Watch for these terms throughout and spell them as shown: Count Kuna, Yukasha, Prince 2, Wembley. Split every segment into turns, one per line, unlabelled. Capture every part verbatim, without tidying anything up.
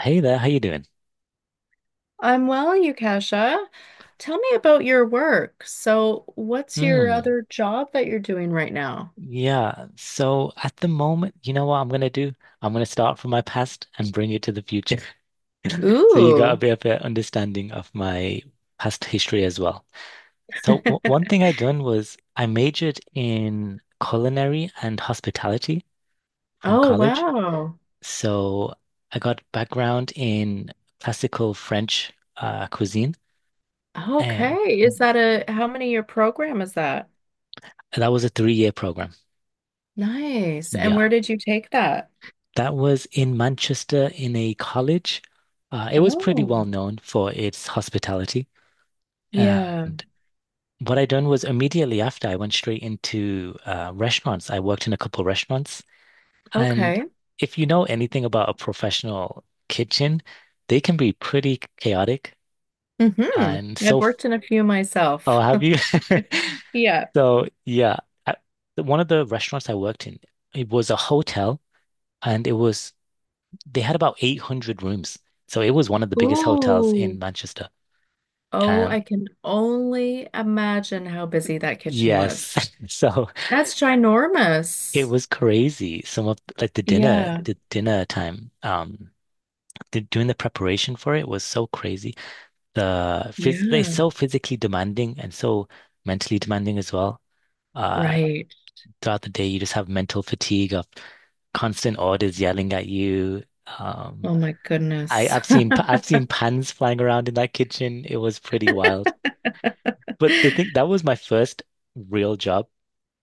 Hey there, how you doing?
I'm well, Yukasha. Tell me about your work. So, what's your
Mm,
other job that you're doing right now?
yeah. So at the moment, you know what I'm gonna do? I'm gonna start from my past and bring it to the future. So you got a
Ooh.
bit of an understanding of my past history as well. So w one thing I done was I majored in culinary and hospitality from
Oh,
college.
wow.
So I got background in classical French uh, cuisine. Uh,
Okay. Is that a how many year program is that?
that was a three-year program.
Nice. And where
Yeah.
did you take that?
That was in Manchester in a college. Uh, it was pretty well
Oh,
known for its hospitality.
yeah.
And what I done was immediately after I went straight into uh, restaurants. I worked in a couple restaurants. And
Okay.
if you know anything about a professional kitchen, they can be pretty chaotic.
hmm
And
I've
so,
worked in a few
oh,
myself.
have you?
Yeah.
So, yeah, I, one of the restaurants I worked in, it was a hotel and it was they had about eight hundred rooms. So it was one of the biggest hotels in
Ooh.
Manchester.
Oh,
And
I can only imagine how busy that kitchen was.
yes, so
That's
it
ginormous.
was crazy. Some of like the dinner,
Yeah.
the dinner time, um, the, doing the preparation for it was so crazy. The
Yeah.
phys like so
Yeah.
physically demanding and so mentally demanding as well. Uh,
Right.
throughout the day, you just have mental fatigue of constant orders yelling at you. Um,
Oh my
I,
goodness.
I've seen I've seen pans flying around in that kitchen. It was pretty wild. But the thing that was my first real job,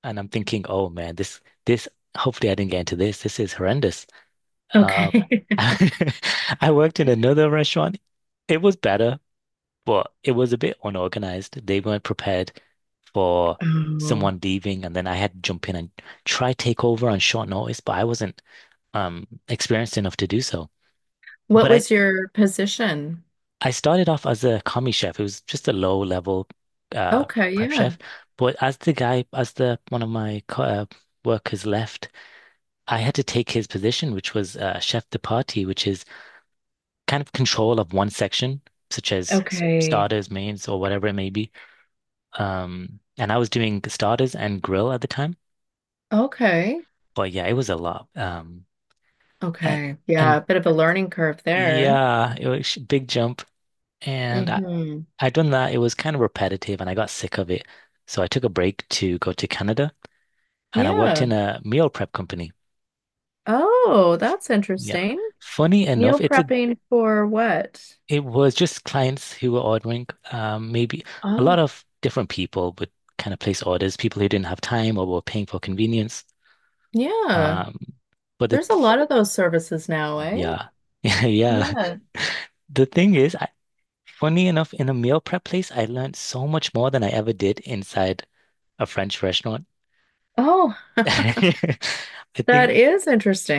and I'm thinking, oh man, this this hopefully I didn't get into this. This is horrendous. Uh,
Okay.
I worked in another restaurant. It was better, but it was a bit unorganized. They weren't prepared for
Oh.
someone leaving, and then I had to jump in and try take over on short notice, but I wasn't um experienced enough to do so.
What
But I,
was your position?
I started off as a commie chef. It was just a low level uh,
Okay,
prep
yeah.
chef. But as the guy, as the one of my co uh, workers left, I had to take his position, which was uh, chef de partie, which is kind of control of one section, such as s-
Okay.
starters, mains, or whatever it may be. Um, and I was doing starters and grill at the time.
Okay.
But yeah, it was a lot. Um, and
Okay. Yeah,
and
a bit of a learning curve there.
yeah, it was a big jump. And I,
Hmm
I'd done that. It was kind of repetitive and I got sick of it. So I took a break to go to Canada and I worked
Yeah.
in a meal prep company.
Oh, that's
Yeah.
interesting.
Funny
Meal
enough, it's a
prepping for what?
it was just clients who were ordering. Um, maybe a lot
Oh,
of different people would kind of place orders, people who didn't have time or were paying for convenience.
yeah.
Um, but
There's a
it,
lot of those services now, eh?
yeah, yeah.
Yeah.
The thing is, I, funny enough, in a meal prep place, I learned so much more than I ever did inside a French restaurant.
Oh.
I
That
think
is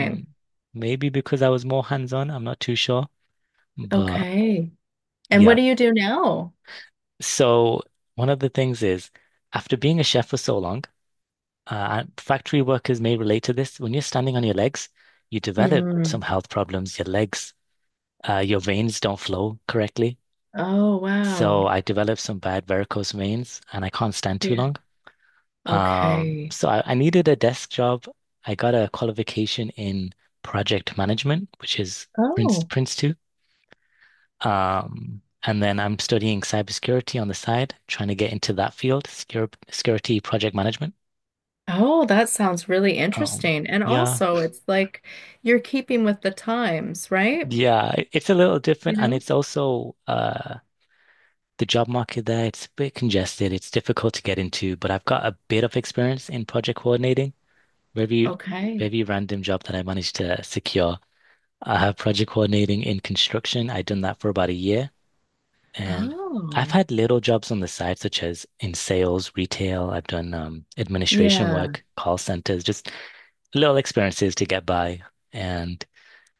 mm, maybe because I was more hands-on, I'm not too sure. But
Okay. And what
yeah.
do you do now?
So one of the things is after being a chef for so long, uh, and factory workers may relate to this. When you're standing on your legs, you develop some
Mhm.
health problems. Your legs, uh, your veins don't flow correctly.
Oh,
So
wow.
I developed some bad varicose veins and I can't stand too
Yeah.
long. Um,
Okay.
so I, I needed a desk job. I got a qualification in project management, which is Prince
Oh.
Prince two. Um, and then I'm studying cybersecurity on the side, trying to get into that field, secure, security project management.
Oh, that sounds really
Um,
interesting. And
yeah,
also, it's like you're keeping with the times, right?
yeah, it- it's a little
You
different, and
know?
it's also uh, the job market there. It's a bit congested. It's difficult to get into, but I've got a bit of experience in project coordinating. Very,
Okay.
very random job that I managed to secure. I have project coordinating in construction. I've done that for about a year. And I've
Oh.
had little jobs on the side, such as in sales, retail. I've done um, administration
Yeah.
work, call centers, just little experiences to get by. And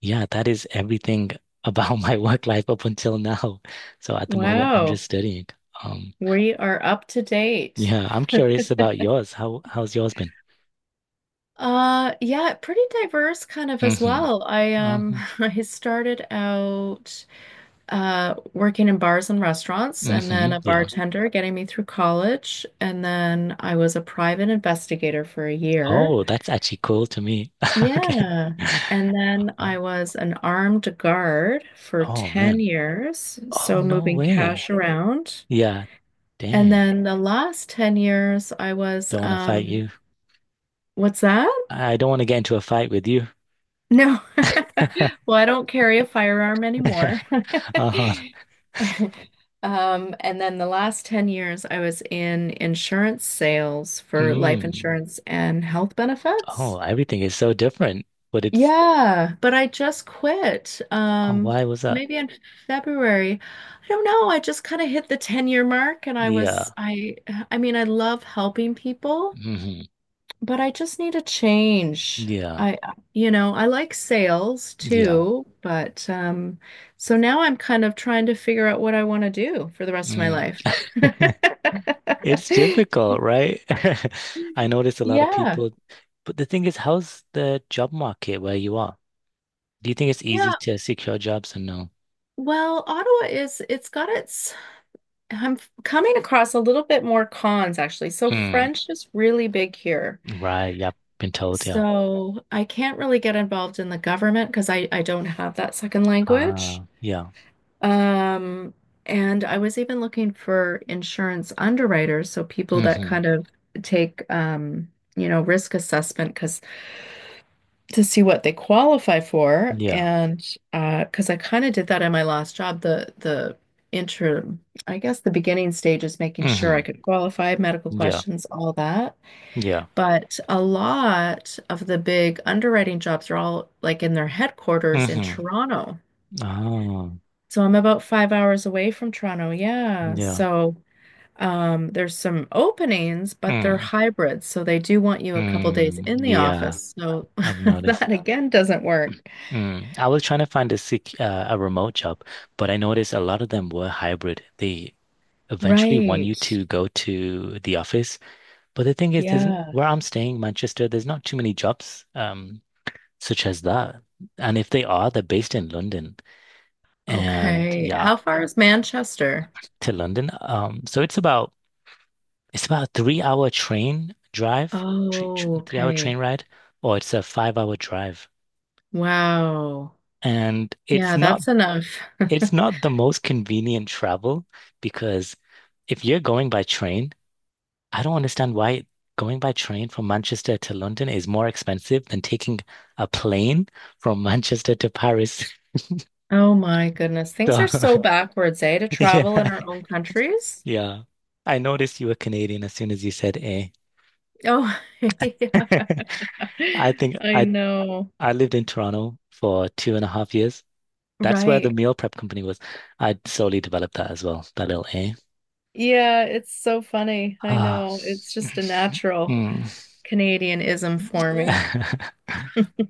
yeah, that is everything about my work life up until now. So at the moment, I'm just
Wow.
studying. Um,
We are up to date.
yeah, I'm curious about yours. How how's yours been?
Uh, yeah, pretty diverse kind of
Hmm
as well. I um
hmm
I started out uh, working in bars and restaurants, and then
hmm
a
Yeah.
bartender getting me through college. And then I was a private investigator for a year.
Oh, that's actually cool to me. Okay.
Yeah. And then
Oh,
I was an armed guard for
oh,
ten
man.
years,
Oh,
so
no
moving
way.
cash around.
Yeah,
And
dang.
then the last ten years, I was,
Don't want to fight
um,
you.
what's that?
I don't want to get into a fight with you.
No. Well, I don't carry a firearm anymore.
Uh-huh.
Um, and then the last ten years, I was in insurance sales for life
Mm.
insurance and health
Oh,
benefits.
everything is so different. But it's,
Yeah, but I just quit.
oh,
Um,
why was that?
maybe in February. I don't know. I just kind of hit the ten year mark and I was
Yeah.
I I mean, I love helping people.
hmm
But I just need a change.
Yeah.
I, I- you know, I like sales
Yeah.
too, but um, so now I'm kind of trying to figure out what I want to do for the rest of my
Mm.
life.
It's difficult, right? I notice a lot of
Yeah.
people, but the thing is, how's the job market where you are? Do you think it's easy
Yeah.
to secure jobs or no?
Well, Ottawa is, it's got its, I'm f- coming across a little bit more cons actually. So
Mm.
French is really big here.
Right. Yep. Been told. Yeah.
So I can't really get involved in the government because I, I don't have that second language.
Ah, yeah.
Um, and I was even looking for insurance underwriters, so people that
hmm
kind of take um, you know, risk assessment because to see what they qualify for.
Yeah.
And uh, because I kind of did that in my last job, the the intro, I guess the beginning stage is making sure I
hmm
could qualify, medical
Yeah.
questions, all that.
Yeah.
But a lot of the big underwriting jobs are all like in their headquarters in
hmm
Toronto.
Oh,
So I'm about five hours away from Toronto. Yeah.
yeah.
So um, there's some openings, but they're
Mm.
hybrids. So they do want you a couple days
Mm.
in the
Yeah.
office. So
I've noticed.
that again doesn't work.
Mm. I was trying to find a sec uh, a remote job, but I noticed a lot of them were hybrid. They eventually want you
Right.
to go to the office, but the thing is, there's n-
Yeah.
where I'm staying, Manchester, there's not too many jobs um such as that. And if they are, they're based in London. And
Okay.
yeah,
How far is Manchester?
to London. Um, so it's about It's about a three hour train drive, three,
Oh,
three hour train
okay.
ride, or it's a five hour drive.
Wow.
And it's
Yeah,
not
that's enough.
it's not the most convenient travel because if you're going by train, I don't understand why going by train from Manchester to London is more expensive than taking a plane from Manchester to Paris.
Oh my goodness. Things
So
are so backwards, eh, to
yeah,
travel in our own countries.
yeah. I noticed you were Canadian as soon as you said eh.
Oh, yeah.
I think
I
I
know.
I lived in Toronto for two and a half years. That's where the
Right.
meal prep company was. I slowly developed that as well, that little A.
Yeah, it's so funny. I
Ah.
know. It's just a natural
Mm.
Canadianism for me.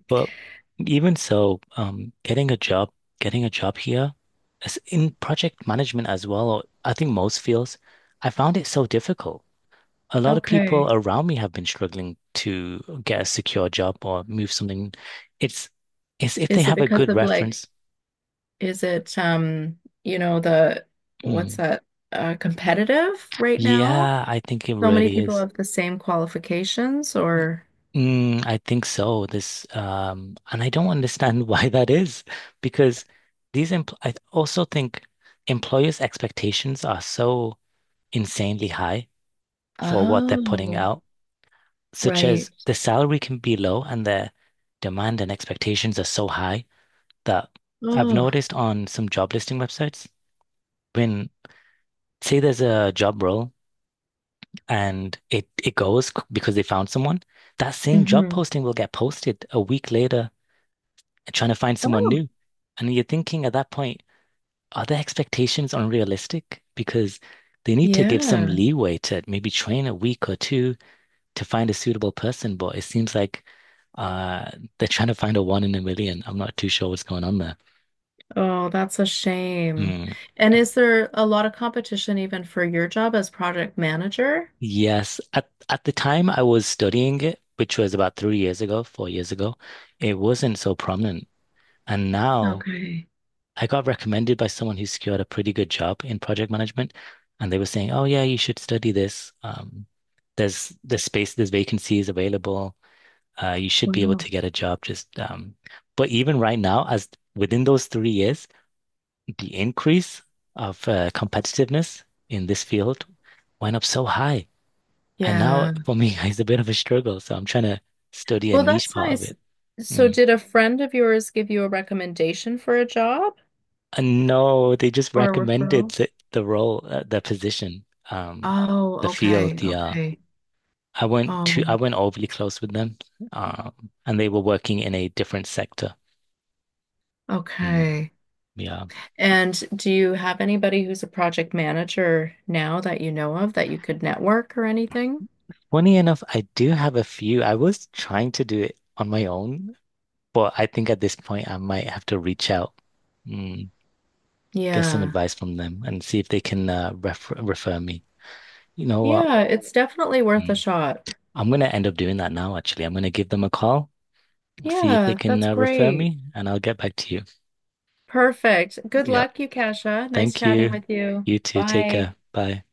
But even so, um, getting a job, getting a job here, as in project management as well, or I think most fields, I found it so difficult. A lot of people
Okay.
around me have been struggling to get a secure job or move something. It's it's if they
Is it
have a
because
good
of like,
reference.
is it um, you know, the what's
Mm.
that, uh, competitive right now?
Yeah, I think it
So many
really
people
is.
have the same qualifications or
Mm, I think so. This, um, and I don't understand why that is, because these empl I also think employers' expectations are so insanely high for what they're putting
oh,
out, such
right.
as the salary can be low and their demand and expectations are so high that I've
Oh,
noticed on some job listing websites when say there's a job role and it it goes c- because they found someone, that same job
hmm
posting will get posted a week later trying to find someone
Oh,
new. And you're thinking at that point, are their expectations unrealistic? Because they need to give some
yeah.
leeway to maybe train a week or two to find a suitable person. But it seems like uh, they're trying to find a one in a million. I'm not too sure what's going on there.
Oh, that's a shame.
Hmm.
And is there a lot of competition even for your job as project manager?
Yes, at at the time I was studying it, which was about three years ago, four years ago, it wasn't so prominent. And now
Okay.
I got recommended by someone who secured a pretty good job in project management, and they were saying, "Oh yeah, you should study this. Um, there's there's space, there's vacancies available. Uh, you should be able
Wow.
to get a job." Just um, but even right now, as within those three years, the increase of uh, competitiveness in this field went up so high, and now
Yeah.
for me, it's a bit of a struggle. So I'm trying to study a
Well,
niche
that's
part of
nice.
it.
So,
Mm.
did a friend of yours give you a recommendation for a job
Uh, No, they just
or a
recommended
referral?
the, the role, uh, the position, um, the
Oh, okay.
field. Yeah,
Okay.
I went to I
Um,
went overly close with them, um, and they were working in a different sector. Mm,
okay.
yeah.
And do you have anybody who's a project manager now that you know of that you could network or anything?
Funny enough, I do have a few. I was trying to do it on my own, but I think at this point I might have to reach out, mm, get some
Yeah.
advice from them, and see if they can uh, refer refer me. You know what?
Yeah, it's definitely worth a
Mm,
shot.
I'm gonna end up doing that now, actually. I'm gonna give them a call see if they
Yeah,
can
that's
uh, refer
great.
me, and I'll get back to you.
Perfect. Good luck,
Yep.
Yukasha. Nice
Thank
chatting
you.
with you.
You too. Take
Bye.
care. Bye.